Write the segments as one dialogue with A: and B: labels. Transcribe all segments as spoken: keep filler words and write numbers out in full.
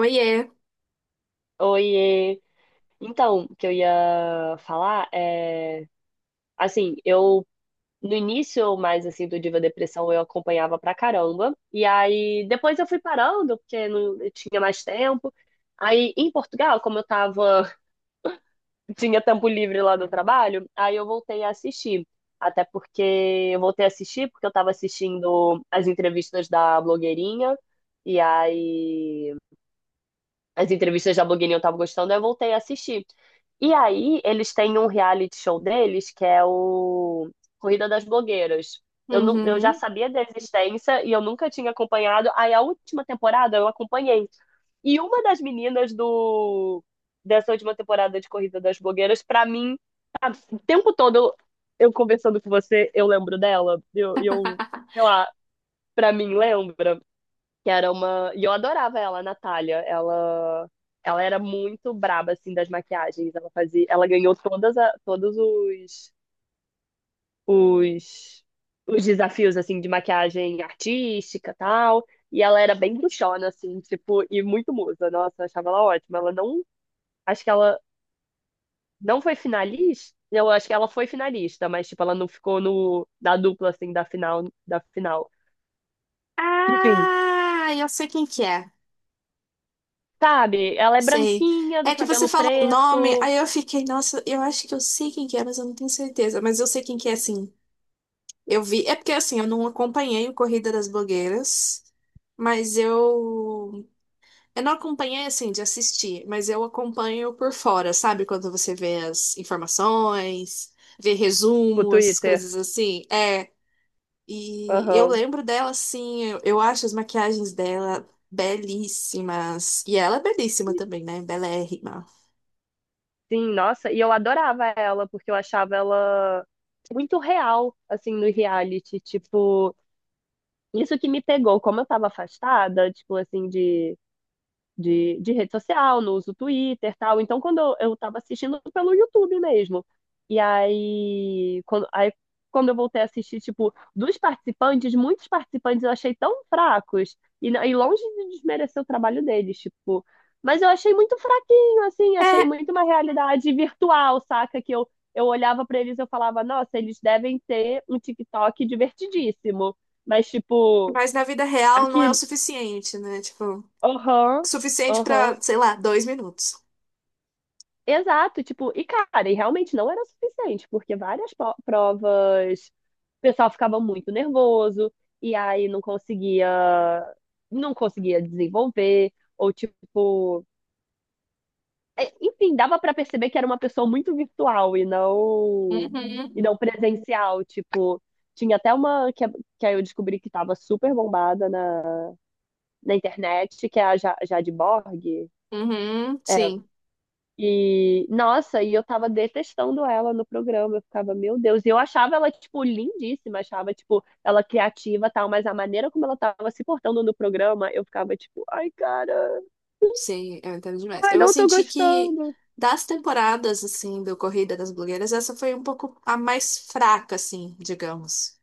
A: Oiê.
B: Oiê. Então, o que eu ia falar é, assim, eu no início mais assim do Diva Depressão eu acompanhava pra caramba, e aí depois eu fui parando porque não eu tinha mais tempo. Aí em Portugal, como eu tava, tinha tempo livre lá do trabalho, aí eu voltei a assistir. Até porque eu voltei a assistir porque eu tava assistindo as entrevistas da blogueirinha e aí as entrevistas da blogueirinha eu tava gostando, eu voltei a assistir. E aí, eles têm um reality show deles, que é o Corrida das Blogueiras. Eu, não, Eu já
A: Uhum.
B: sabia da existência e eu nunca tinha acompanhado. Aí, a última temporada eu acompanhei. E uma das meninas do dessa última temporada de Corrida das Blogueiras, pra mim, o tempo todo eu, eu conversando com você, eu lembro dela. Eu, eu, sei lá, pra mim, lembra que era uma. E eu adorava ela, a Natália. Ela, ela era muito braba, assim, das maquiagens. Ela fazia, ela ganhou todas a... todos os... os os desafios, assim, de maquiagem artística, tal. E ela era bem bruxona, assim, tipo, e muito musa. Nossa, eu achava ela ótima. Ela não, acho que ela não foi finalista. Eu acho que ela foi finalista, mas tipo, ela não ficou no da dupla assim da final, da final. Enfim,
A: Ah, eu sei quem que é.
B: sabe? Ela é
A: Sei.
B: branquinha, do
A: É que você
B: cabelo
A: falou o nome,
B: preto.
A: aí eu fiquei, nossa, eu acho que eu sei quem que é, mas eu não tenho certeza. Mas eu sei quem que é, sim. Eu vi. É porque, assim, eu não acompanhei o Corrida das Blogueiras, mas eu. Eu não acompanhei, assim, de assistir, mas eu acompanho por fora, sabe? Quando você vê as informações, vê
B: O
A: resumo, essas
B: Twitter.
A: coisas assim. É, E eu
B: Aham.
A: lembro dela assim, eu, eu acho as maquiagens dela belíssimas. E ela é belíssima também, né? Belérrima.
B: Sim, nossa, e eu adorava ela, porque eu achava ela muito real, assim, no reality. Tipo, isso que me pegou, como eu tava afastada, tipo, assim, de de, de rede social, no uso Twitter, tal. Então, quando eu, eu tava assistindo pelo YouTube mesmo. E aí quando, aí, quando eu voltei a assistir, tipo, dos participantes, muitos participantes eu achei tão fracos. E, não- e longe de desmerecer o trabalho deles, tipo. Mas eu achei muito fraquinho, assim, achei
A: É,
B: muito uma realidade virtual, saca? Que eu, eu olhava pra eles e eu falava, nossa, eles devem ter um TikTok divertidíssimo. Mas, tipo,
A: mas na vida real não é o
B: aqui,
A: suficiente, né? Tipo,
B: aham,
A: suficiente
B: aham,
A: pra, sei lá, dois minutos.
B: exato, tipo, e cara, e realmente não era o suficiente, porque várias po- provas o pessoal ficava muito nervoso e aí não conseguia não conseguia desenvolver ou tipo, é, enfim, dava pra perceber que era uma pessoa muito virtual e não e
A: Uhum.
B: não presencial, tipo, tinha até uma que, que aí eu descobri que tava super bombada na, na internet, que é a Ja- Jade Borg.
A: Uhum,
B: É.
A: sim,
B: E, nossa, e eu tava detestando ela no programa. Eu ficava, meu Deus. E eu achava ela, tipo, lindíssima. Achava, tipo, ela criativa e tal. Mas a maneira como ela tava se portando no programa, eu ficava, tipo, ai, cara.
A: sim, eu entendo demais.
B: Ai,
A: Eu
B: não tô
A: senti que
B: gostando.
A: das temporadas, assim, do Corrida das Blogueiras, essa foi um pouco a mais fraca, assim, digamos.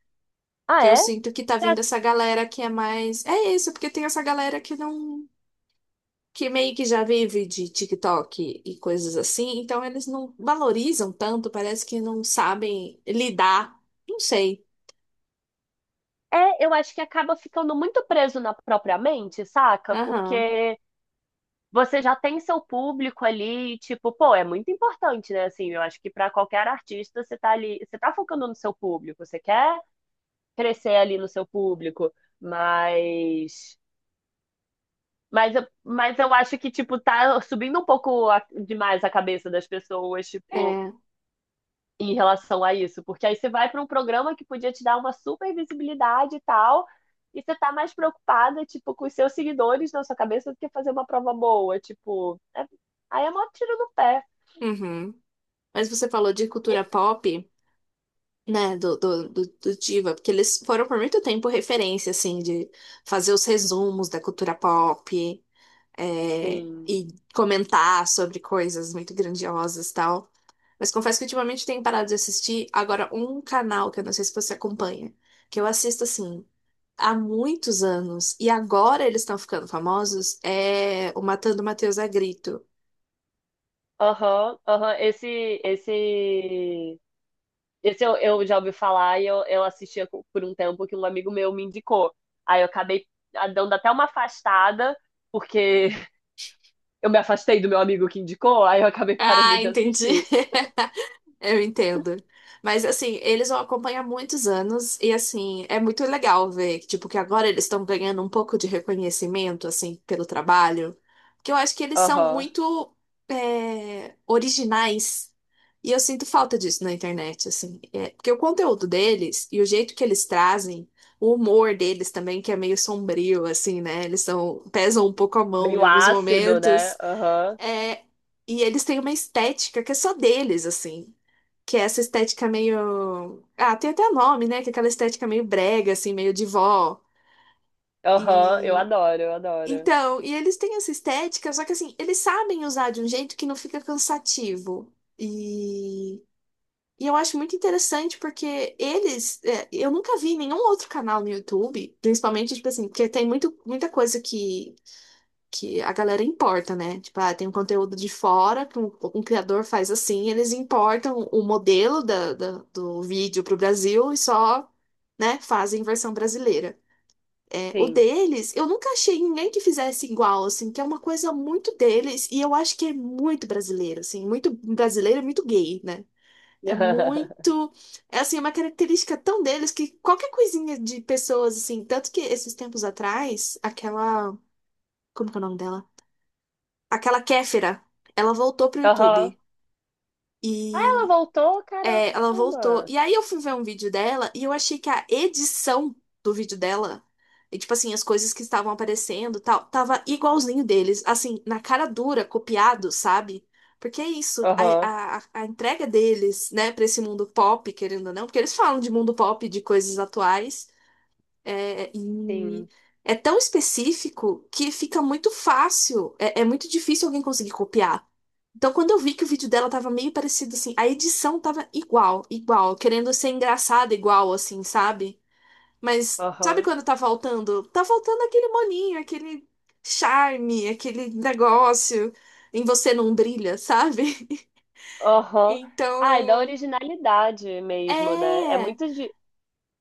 B: Ah,
A: Que eu
B: é?
A: sinto que tá
B: Já-
A: vindo essa galera que é mais. É isso, porque tem essa galera que não. Que meio que já vive de TikTok e coisas assim, então eles não valorizam tanto, parece que não sabem lidar. Não sei.
B: É, eu acho que acaba ficando muito preso na própria mente, saca?
A: Aham.
B: Porque você já tem seu público ali, tipo, pô, é muito importante, né? Assim, eu acho que pra qualquer artista, você tá ali, você tá focando no seu público, você quer crescer ali no seu público, mas mas eu, mas eu acho que tipo tá subindo um pouco a- demais a cabeça das pessoas, tipo,
A: É.
B: em relação a isso, porque aí você vai para um programa que podia te dar uma super visibilidade e tal, e você tá mais preocupada, tipo, com os seus seguidores na sua cabeça do que fazer uma prova boa, tipo, é- aí é mó tiro no pé.
A: Uhum. Mas você falou de
B: E-
A: cultura pop, né, do, do, do, do Diva, porque eles foram por muito tempo referência, assim, de fazer os resumos da cultura pop, é,
B: Sim.
A: e comentar sobre coisas muito grandiosas e tal. Mas confesso que ultimamente tenho parado de assistir agora um canal que eu não sei se você acompanha, que eu assisto assim há muitos anos e agora eles estão ficando famosos, é o Matando Matheus a Grito.
B: Aham, aham. Esse, esse Esse eu, eu já ouvi falar e eu, eu assistia co- por um tempo que um amigo meu me indicou. Aí eu acabei ah, dando até uma afastada, porque eu me afastei do meu amigo que indicou, aí eu acabei parando
A: Ah,
B: de
A: entendi.
B: assistir.
A: Eu entendo. Mas assim, eles vão acompanhar muitos anos e assim, é muito legal ver que tipo que agora eles estão ganhando um pouco de reconhecimento assim pelo trabalho, que eu acho que eles são
B: Aham.
A: muito é, originais. E eu sinto falta disso na internet, assim. É, porque o conteúdo deles e o jeito que eles trazem, o humor deles também, que é meio sombrio, assim, né? Eles são, pesam um pouco a mão em
B: Meio
A: alguns
B: ácido, né?
A: momentos.
B: Aham.
A: É, e eles têm uma estética que é só deles, assim. Que é essa estética meio. Ah, tem até nome, né? Que é aquela estética meio brega, assim, meio de vó.
B: Aham. Eu
A: E.
B: adoro, eu adoro.
A: Então, e eles têm essa estética, só que assim, eles sabem usar de um jeito que não fica cansativo. E. E eu acho muito interessante porque eles. é, eu nunca vi nenhum outro canal no YouTube, principalmente, tipo assim, porque tem muito, muita coisa que que a galera importa, né? Tipo, ah, tem um conteúdo de fora que um, um criador faz assim, eles importam o modelo da, da- do vídeo para o Brasil e só, né, fazem versão brasileira. É, o
B: Sim.
A: deles, eu nunca achei ninguém que fizesse igual, assim, que é uma coisa muito deles e eu acho que é muito brasileiro, assim, muito brasileiro e muito gay, né? É muito, é assim, é uma característica tão deles que qualquer coisinha de pessoas, assim, tanto que esses tempos atrás, aquela, como que é o nome dela? Aquela Kéfera, ela voltou pro
B: Aham.
A: YouTube.
B: Ah, ela
A: E
B: voltou?
A: é, ela voltou.
B: Caramba.
A: E aí eu fui ver um vídeo dela e eu achei que a edição do vídeo dela, e, tipo assim, as coisas que estavam aparecendo, e tal, tava igualzinho deles, assim, na cara dura, copiado, sabe? Porque é isso,
B: Aham.
A: a, a, a entrega deles, né, pra esse mundo pop, querendo ou não, porque eles falam de mundo pop, de coisas atuais. É, e
B: Sim.
A: é tão específico que fica muito fácil, é, é muito difícil alguém conseguir copiar. Então, quando eu vi que o vídeo dela tava meio parecido, assim, a edição tava igual, igual, querendo ser engraçada igual, assim, sabe? Mas sabe
B: Aham.
A: quando tá faltando? Tá faltando aquele molinho, aquele charme, aquele negócio em você não brilha, sabe?
B: Aham. Ai, da
A: Então,
B: originalidade mesmo, né? É
A: é,
B: muito, di-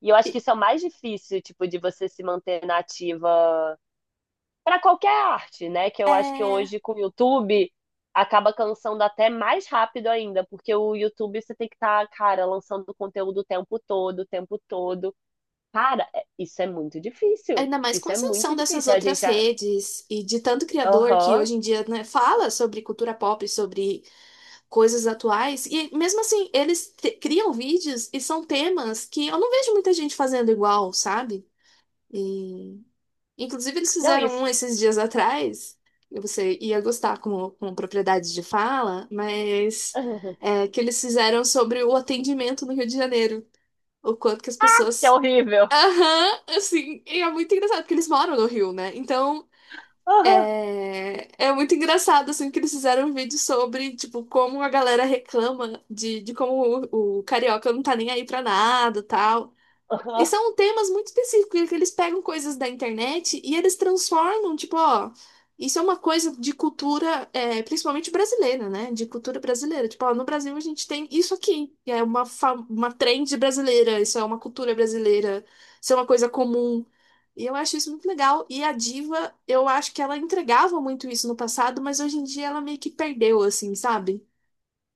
B: E eu acho que isso é o mais difícil, tipo, de você se manter nativa para qualquer arte, né? Que eu acho que
A: é.
B: hoje com o YouTube acaba cansando até mais rápido ainda, porque o YouTube você tem que estar, cara, lançando conteúdo o tempo todo, o tempo todo. Cara, é- isso é muito difícil.
A: Ainda mais com
B: Isso
A: a
B: é muito
A: ascensão dessas
B: difícil. A
A: outras
B: gente, ah,
A: redes e de tanto criador que
B: aham.
A: hoje em dia, né, fala sobre cultura pop, sobre coisas atuais, e mesmo assim, eles te- criam vídeos e são temas que eu não vejo muita gente fazendo igual, sabe? E, inclusive, eles
B: Não,
A: fizeram um
B: isso.
A: esses dias atrás, e você ia gostar com, com propriedade de fala, mas é, que eles fizeram sobre o atendimento no Rio de Janeiro, o quanto que as
B: Que é
A: pessoas.
B: horrível.
A: Aham, assim, e é muito engraçado, porque eles moram no Rio, né? Então, é, é muito engraçado, assim, que eles fizeram um vídeo sobre, tipo, como a galera reclama de, de como o, o carioca não tá nem aí pra nada, tal. E
B: Aham.
A: são temas muito específicos, que eles pegam coisas da internet e eles transformam, tipo, ó, isso é uma coisa de cultura, é, principalmente brasileira, né? De cultura brasileira. Tipo, ó, no Brasil a gente tem isso aqui, que é uma, fa- uma trend brasileira, isso é uma cultura brasileira, isso é uma coisa comum. E eu acho isso muito legal. E a Diva, eu acho que ela entregava muito isso no passado, mas hoje em dia ela meio que perdeu, assim, sabe?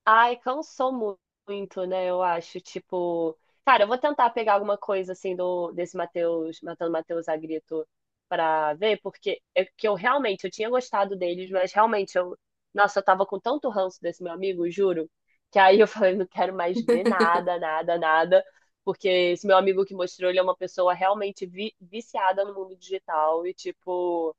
B: Ai, cansou mu- muito, né? Eu acho, tipo, cara, eu vou tentar pegar alguma coisa assim do desse Matheus, Matando Matheus Agrito pra ver, porque é que eu realmente eu tinha gostado deles, mas realmente eu, nossa, eu tava com tanto ranço desse meu amigo, juro, que aí eu falei, não quero mais ver nada, nada, nada, porque esse meu amigo que mostrou, ele é uma pessoa realmente vi- viciada no mundo digital e tipo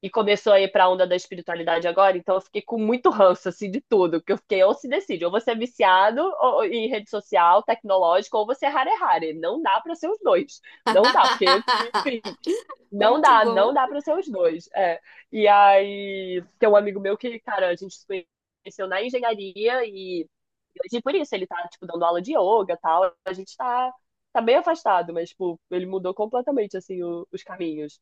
B: e começou a ir pra onda da espiritualidade agora, então eu fiquei com muito ranço, assim, de tudo, porque eu fiquei, ou se decide, ou você é viciado ou- em rede social, tecnológico, ou você é rare rare, não dá pra ser os dois, não dá, porque eu, enfim, não
A: Muito
B: dá, não
A: bom.
B: dá pra ser os dois, é. E aí, tem um amigo meu que, cara, a gente se conheceu na engenharia e hoje por isso ele tá, tipo, dando aula de yoga e tal, a gente tá, tá bem afastado, mas, tipo, ele mudou completamente, assim, o- os caminhos.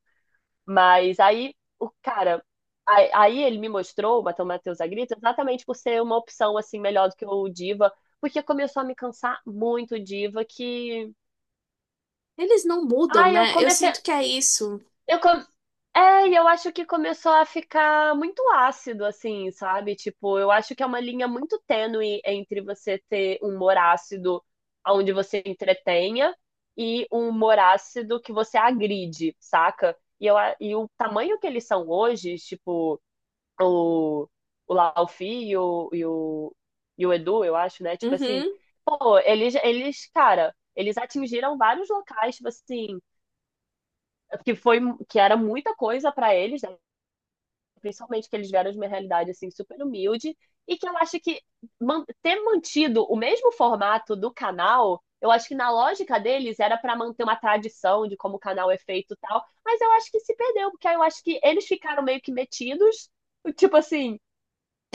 B: Mas aí, o cara, aí, aí ele me mostrou o Matão Matheus Agrita exatamente por ser uma opção assim melhor do que o Diva, porque começou a me cansar muito o Diva que,
A: Eles não mudam,
B: ai, eu
A: né? Eu
B: comecei,
A: sinto que é isso.
B: eu com- é, e eu acho que começou a ficar muito ácido assim, sabe? Tipo, eu acho que é uma linha muito tênue entre você ter um humor ácido onde você entretenha e um humor ácido que você agride, saca? E, eu, a- e o tamanho que eles são hoje, tipo, o, o Laufi e o, e o, e o Edu, eu acho, né? Tipo assim,
A: Uhum.
B: pô, eles, eles, cara, eles atingiram vários locais, tipo assim, que foi, que era muita coisa pra eles, né? Principalmente que eles vieram de uma realidade, assim, super humilde, e que eu acho que man- ter mantido o mesmo formato do canal, eu acho que na lógica deles era pra manter uma tradição de como o canal é feito e tal, mas eu acho que se perdeu, porque aí eu acho que eles ficaram meio que metidos, tipo assim,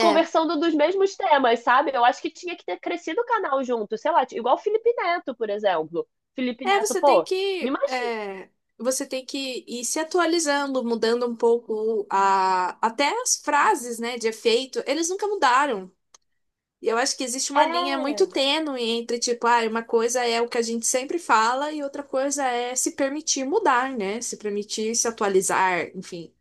A: É,
B: dos mesmos temas, sabe? Eu acho que tinha que ter crescido o canal junto, sei lá, igual o Felipe Neto, por exemplo. Felipe
A: é,
B: Neto,
A: você tem
B: pô, me
A: que,
B: imagina.
A: é, você tem que ir se atualizando, mudando um pouco a, até as frases, né, de efeito, eles nunca mudaram. E eu acho que existe uma linha muito
B: É,
A: tênue entre, tipo, ah, uma coisa é o que a gente sempre fala e outra coisa é se permitir mudar, né, se permitir se atualizar, enfim.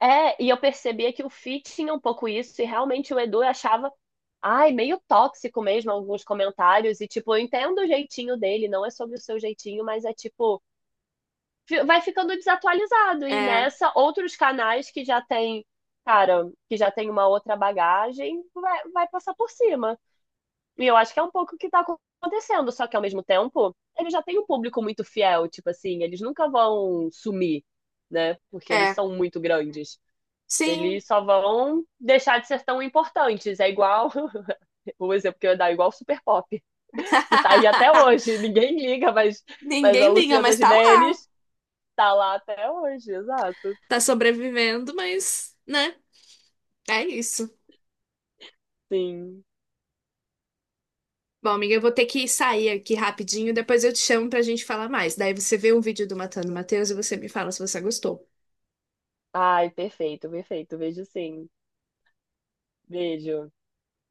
B: é, e eu percebia que o Fit tinha um pouco isso, e realmente o Edu eu achava, ai, meio tóxico mesmo alguns comentários, e tipo, eu entendo o jeitinho dele, não é sobre o seu jeitinho, mas é tipo, fi- vai ficando desatualizado. E
A: É,
B: nessa, outros canais que já tem, cara, que já tem uma outra bagagem, vai, vai passar por cima. E eu acho que é um pouco o que tá acontecendo, só que ao mesmo tempo, eles já têm um público muito fiel, tipo assim, eles nunca vão sumir, né? Porque eles
A: é,
B: são muito grandes.
A: sim.
B: Eles só vão deixar de ser tão importantes. É igual, o exemplo que eu ia dar, é igual o Super Pop, que tá aí até hoje. Ninguém liga, mas, mas a
A: Ninguém liga,
B: Luciana
A: mas tá lá.
B: Gimenez tá lá até hoje, exato.
A: Tá sobrevivendo, mas, né? É isso.
B: Sim.
A: Bom, amiga, eu vou ter que sair aqui rapidinho, depois eu te chamo pra gente falar mais. Daí você vê um vídeo do Matando Matheus e você me fala se você gostou.
B: Ai, perfeito, perfeito. Vejo sim. Vejo.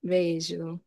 A: Beijo.